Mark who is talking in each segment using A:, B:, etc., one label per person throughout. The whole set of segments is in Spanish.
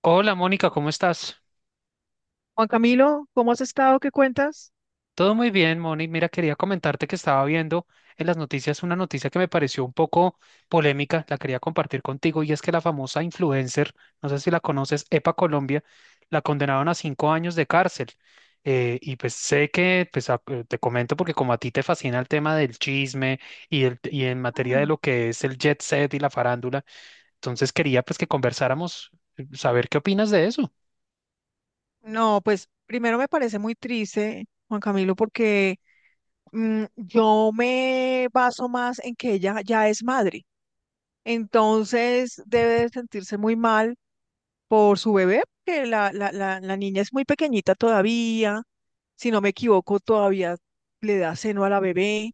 A: Hola Mónica, ¿cómo estás?
B: Juan Camilo, ¿cómo has estado? ¿Qué cuentas?
A: Todo muy bien, Moni. Mira, quería comentarte que estaba viendo en las noticias una noticia que me pareció un poco polémica, la quería compartir contigo, y es que la famosa influencer, no sé si la conoces, Epa Colombia, la condenaron a cinco años de cárcel. Y pues sé que, pues te comento porque como a ti te fascina el tema del chisme y, y en materia de
B: Ah.
A: lo que es el jet set y la farándula, entonces quería pues que conversáramos, saber qué opinas de eso.
B: No, pues primero me parece muy triste, Juan Camilo, porque yo me baso más en que ella ya es madre. Entonces debe de sentirse muy mal por su bebé, porque la niña es muy pequeñita todavía. Si no me equivoco, todavía le da seno a la bebé.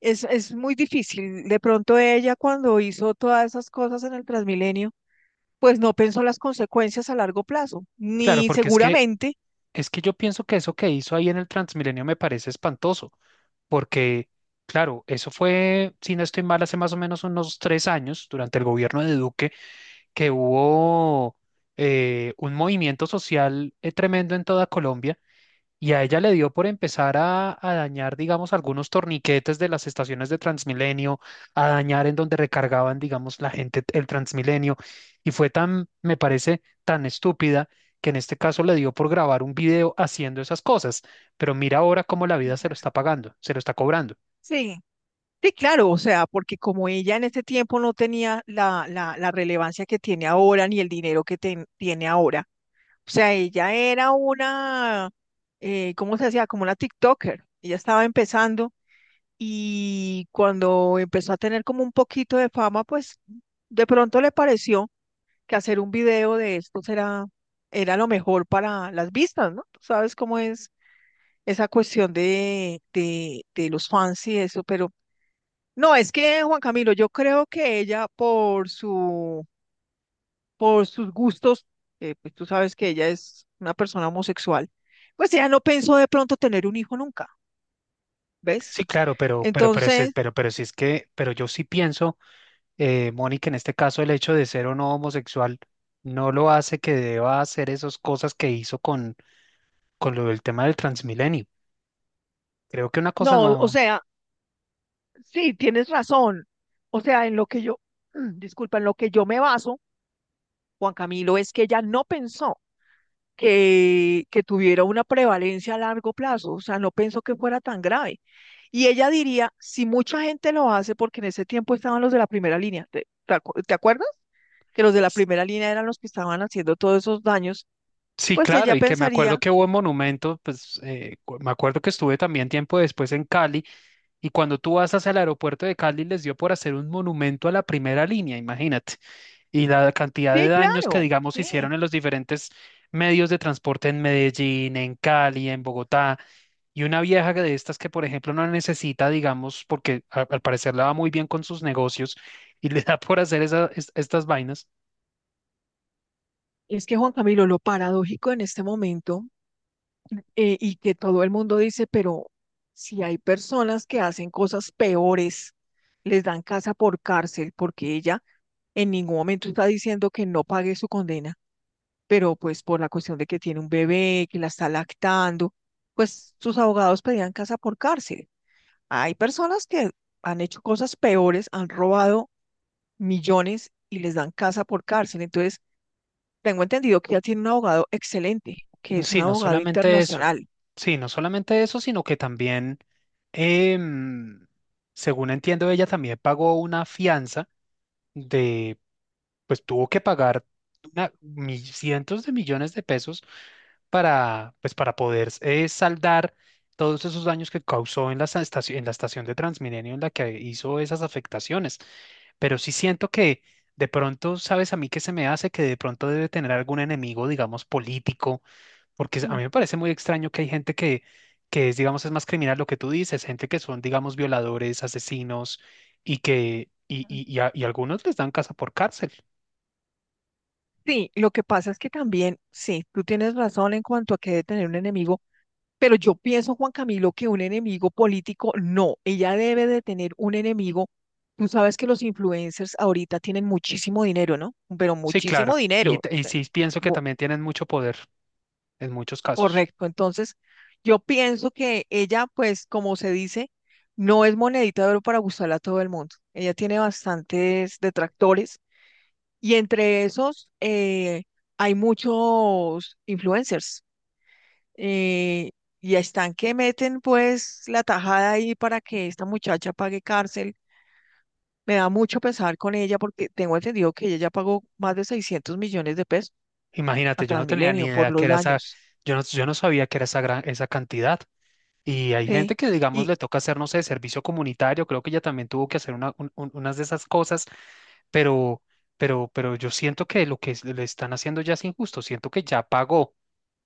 B: Es muy difícil. De pronto ella cuando hizo todas esas cosas en el Transmilenio, pues no pensó las consecuencias a largo plazo,
A: Claro,
B: ni
A: porque es que
B: seguramente.
A: Es que yo pienso que eso que hizo ahí en el Transmilenio me parece espantoso, porque, claro, eso fue, si no estoy mal, hace más o menos unos tres años, durante el gobierno de Duque, que hubo un movimiento social tremendo en toda Colombia. Y a ella le dio por empezar a dañar, digamos, algunos torniquetes de las estaciones de Transmilenio, a dañar en donde recargaban, digamos, la gente el Transmilenio. Y fue tan, me parece, tan estúpida que en este caso le dio por grabar un video haciendo esas cosas. Pero mira ahora cómo la vida
B: Sí,
A: se lo
B: claro.
A: está pagando, se lo está cobrando.
B: Sí, sí, claro, o sea, porque como ella en este tiempo no tenía la relevancia que tiene ahora, ni el dinero que tiene ahora, o sea, ella era una. ¿Cómo se decía? Como una TikToker, ella estaba empezando y cuando empezó a tener como un poquito de fama, pues de pronto le pareció que hacer un video de esto era lo mejor para las vistas, ¿no? Tú sabes cómo es esa cuestión de los fans y eso, pero no, es que Juan Camilo, yo creo que ella por sus gustos, pues tú sabes que ella es una persona homosexual, pues ella no pensó de pronto tener un hijo nunca, ¿ves?
A: Sí, claro, pero,
B: Entonces,
A: si es que, pero yo sí pienso, Mónica, en este caso el hecho de ser o no homosexual no lo hace que deba hacer esas cosas que hizo con lo del tema del Transmilenio. Creo que una cosa
B: no, o
A: no.
B: sea, sí, tienes razón. O sea, en lo que yo, disculpa, en lo que yo me baso, Juan Camilo, es que ella no pensó que tuviera una prevalencia a largo plazo, o sea, no pensó que fuera tan grave. Y ella diría, si mucha gente lo hace, porque en ese tiempo estaban los de la primera línea, te acuerdas? Que los de la primera línea eran los que estaban haciendo todos esos daños,
A: Sí,
B: pues
A: claro,
B: ella
A: y que me acuerdo
B: pensaría,
A: que hubo un monumento, pues me acuerdo que estuve también tiempo después en Cali, y cuando tú vas hacia el aeropuerto de Cali les dio por hacer un monumento a la primera línea, imagínate, y la cantidad de
B: sí,
A: daños que,
B: claro,
A: digamos, hicieron
B: sí.
A: en los diferentes medios de transporte en Medellín, en Cali, en Bogotá, y una vieja que de estas que, por ejemplo, no necesita, digamos, porque al parecer la va muy bien con sus negocios, y le da por hacer estas vainas.
B: Es que Juan Camilo, lo paradójico en este momento, y que todo el mundo dice, pero si hay personas que hacen cosas peores, les dan casa por cárcel, porque ella en ningún momento está diciendo que no pague su condena, pero pues por la cuestión de que tiene un bebé, que la está lactando, pues sus abogados pedían casa por cárcel. Hay personas que han hecho cosas peores, han robado millones y les dan casa por cárcel. Entonces, tengo entendido que ella tiene un abogado excelente, que es un
A: Sí, no
B: abogado
A: solamente eso.
B: internacional.
A: Sí, no solamente eso, sino que también, em, según entiendo, ella también pagó una fianza de, pues tuvo que pagar una, cientos de millones de pesos para, pues, para poder saldar todos esos daños que causó en la estación de Transmilenio en la que hizo esas afectaciones. Pero sí siento que de pronto, ¿sabes a mí qué se me hace? Que de pronto debe tener algún enemigo, digamos, político porque a mí me parece muy extraño que hay gente que es, digamos, es más criminal lo que tú dices, gente que son, digamos, violadores, asesinos y que,
B: Ujú.
A: y algunos les dan casa por cárcel.
B: Sí, lo que pasa es que también, sí, tú tienes razón en cuanto a que debe tener un enemigo, pero yo pienso, Juan Camilo, que un enemigo político, no, ella debe de tener un enemigo. Tú sabes que los influencers ahorita tienen muchísimo dinero, ¿no? Pero
A: Sí, claro.
B: muchísimo dinero, o
A: Y
B: sea,
A: sí pienso que
B: bo-
A: también tienen mucho poder en muchos casos.
B: correcto. Entonces, yo pienso que ella, pues, como se dice, no es monedita de oro para gustarle a todo el mundo. Ella tiene bastantes detractores y entre esos, hay muchos influencers eh, y están que meten pues la tajada ahí para que esta muchacha pague cárcel. Me da mucho pesar con ella porque tengo entendido que ella ya pagó más de 600 millones de pesos a
A: Imagínate, yo no tenía ni
B: Transmilenio por
A: idea que
B: los
A: era esa,
B: daños.
A: yo no sabía que era esa gran, esa cantidad. Y hay gente
B: Sí,
A: que, digamos,
B: y
A: le toca hacer, no sé, servicio comunitario, creo que ella también tuvo que hacer una, unas de esas cosas pero, pero yo siento que lo que le están haciendo ya es injusto, siento que ya pagó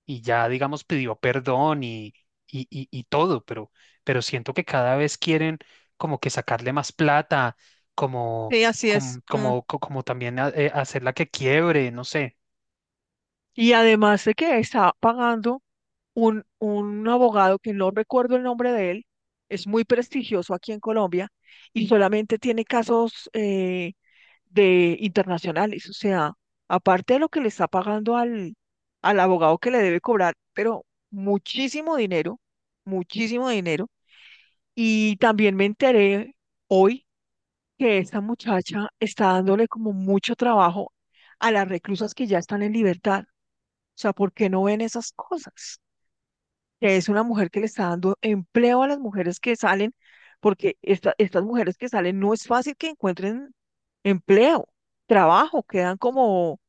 A: y ya, digamos, pidió perdón y, y todo, pero siento que cada vez quieren como que sacarle más plata, como,
B: sí, así es. Mm.
A: como también hacerla que quiebre, no sé.
B: Y además de que está pagando un abogado que no recuerdo el nombre de él, es muy prestigioso aquí en Colombia y solamente tiene casos de internacionales, o sea, aparte de lo que le está pagando al abogado que le debe cobrar, pero muchísimo dinero, muchísimo dinero. Y también me enteré hoy que esta muchacha está dándole como mucho trabajo a las reclusas que ya están en libertad. O sea, ¿por qué no ven esas cosas? Que es una mujer que le está dando empleo a las mujeres que salen, porque estas mujeres que salen no es fácil que encuentren empleo, trabajo, quedan como,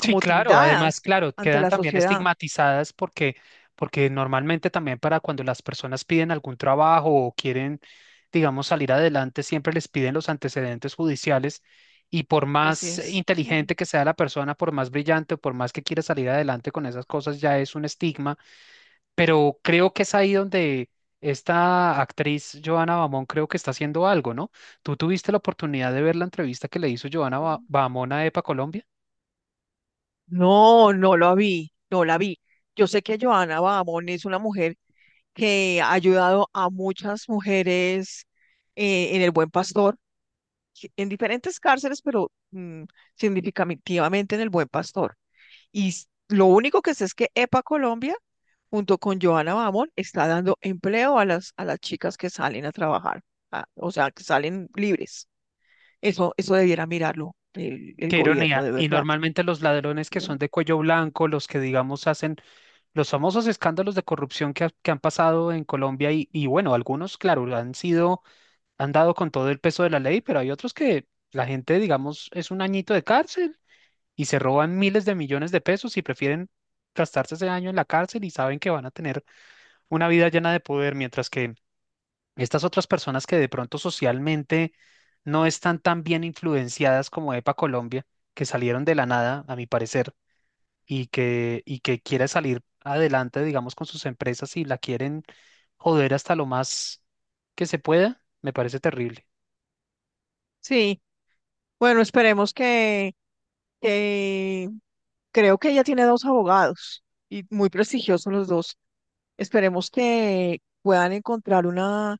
A: Sí, claro, además,
B: tildadas
A: claro,
B: ante
A: quedan
B: la
A: también
B: sociedad.
A: estigmatizadas porque, porque normalmente también para cuando las personas piden algún trabajo o quieren, digamos, salir adelante, siempre les piden los antecedentes judiciales y por
B: Así
A: más
B: es. Mm.
A: inteligente que sea la persona, por más brillante o por más que quiera salir adelante con esas cosas, ya es un estigma, pero creo que es ahí donde esta actriz Joana Bamón creo que está haciendo algo, ¿no? ¿Tú tuviste la oportunidad de ver la entrevista que le hizo Joana Bamón a EPA Colombia?
B: No, no lo vi, no la vi. Yo sé que Joana Babón es una mujer que ha ayudado a muchas mujeres en el Buen Pastor, sí, en diferentes cárceles, pero significativamente en el Buen Pastor. Y lo único que sé es que EPA Colombia, junto con Joana Bamón, está dando empleo a a las chicas que salen a trabajar, o sea, que salen libres. Eso debiera mirarlo el
A: Qué
B: gobierno,
A: ironía.
B: de
A: Y
B: verdad.
A: normalmente los ladrones que son de cuello blanco, los que digamos hacen los famosos escándalos de corrupción que, que han pasado en Colombia y bueno, algunos, claro, han sido, han dado con todo el peso de la ley, pero hay otros que la gente, digamos, es un añito de cárcel y se roban miles de millones de pesos y prefieren gastarse ese año en la cárcel y saben que van a tener una vida llena de poder, mientras que estas otras personas que de pronto socialmente no están tan bien influenciadas como EPA Colombia, que salieron de la nada, a mi parecer, y que quiere salir adelante, digamos, con sus empresas y la quieren joder hasta lo más que se pueda, me parece terrible.
B: Sí, bueno, esperemos que creo que ella tiene dos abogados y muy prestigiosos los dos. Esperemos que puedan encontrar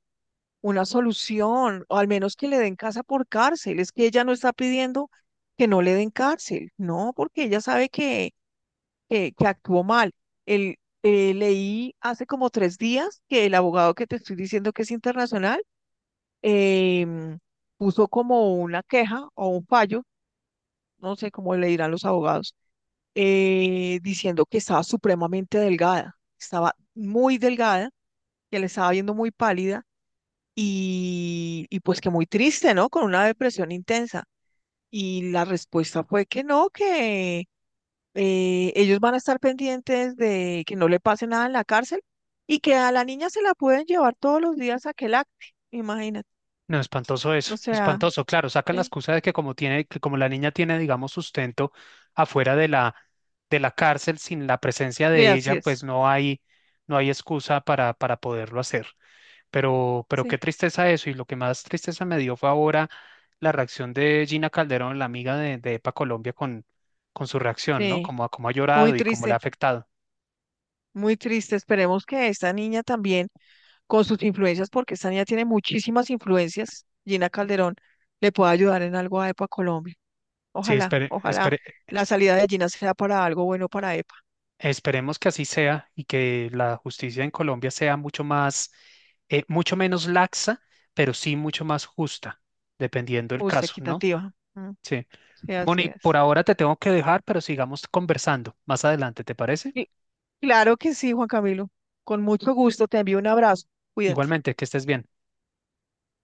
B: una solución, o al menos que le den casa por cárcel. Es que ella no está pidiendo que no le den cárcel, no, porque ella sabe que actuó mal. El, Leí hace como 3 días que el abogado que te estoy diciendo que es internacional em, puso como una queja o un fallo, no sé cómo le dirán los abogados, diciendo que estaba supremamente delgada, estaba muy delgada, que le estaba viendo muy pálida y pues que muy triste, ¿no? Con una depresión intensa. Y la respuesta fue que no, que ellos van a estar pendientes de que no le pase nada en la cárcel y que a la niña se la pueden llevar todos los días a Quelacte, imagínate.
A: No, espantoso eso,
B: O sea,
A: espantoso. Claro, sacan la
B: sí,
A: excusa de que como tiene, que como la niña tiene, digamos, sustento afuera de la cárcel sin la presencia
B: sí,
A: de
B: así
A: ella, pues
B: es.
A: no hay, no hay excusa para poderlo hacer. Pero qué
B: Sí,
A: tristeza eso. Y lo que más tristeza me dio fue ahora la reacción de Gina Calderón, la amiga de EPA Colombia, con su reacción, ¿no?
B: sí,
A: Como, como ha
B: muy
A: llorado y cómo le ha
B: triste,
A: afectado.
B: muy triste. Esperemos que esta niña también, con sus influencias, porque esta niña tiene muchísimas influencias, Gina Calderón, le pueda ayudar en algo a EPA Colombia.
A: Sí,
B: Ojalá,
A: espere,
B: ojalá
A: esperemos.
B: la salida de Gina sea para algo bueno para EPA,
A: Esperemos que así sea y que la justicia en Colombia sea mucho más, mucho menos laxa, pero sí mucho más justa, dependiendo del
B: justa,
A: caso, ¿no?
B: equitativa. Mm.
A: Sí.
B: Sí, así
A: Moni, por
B: es.
A: ahora te tengo que dejar, pero sigamos conversando más adelante, ¿te parece?
B: Y claro que sí, Juan Camilo. Con mucho gusto, te envío un abrazo. Cuídate.
A: Igualmente, que estés bien.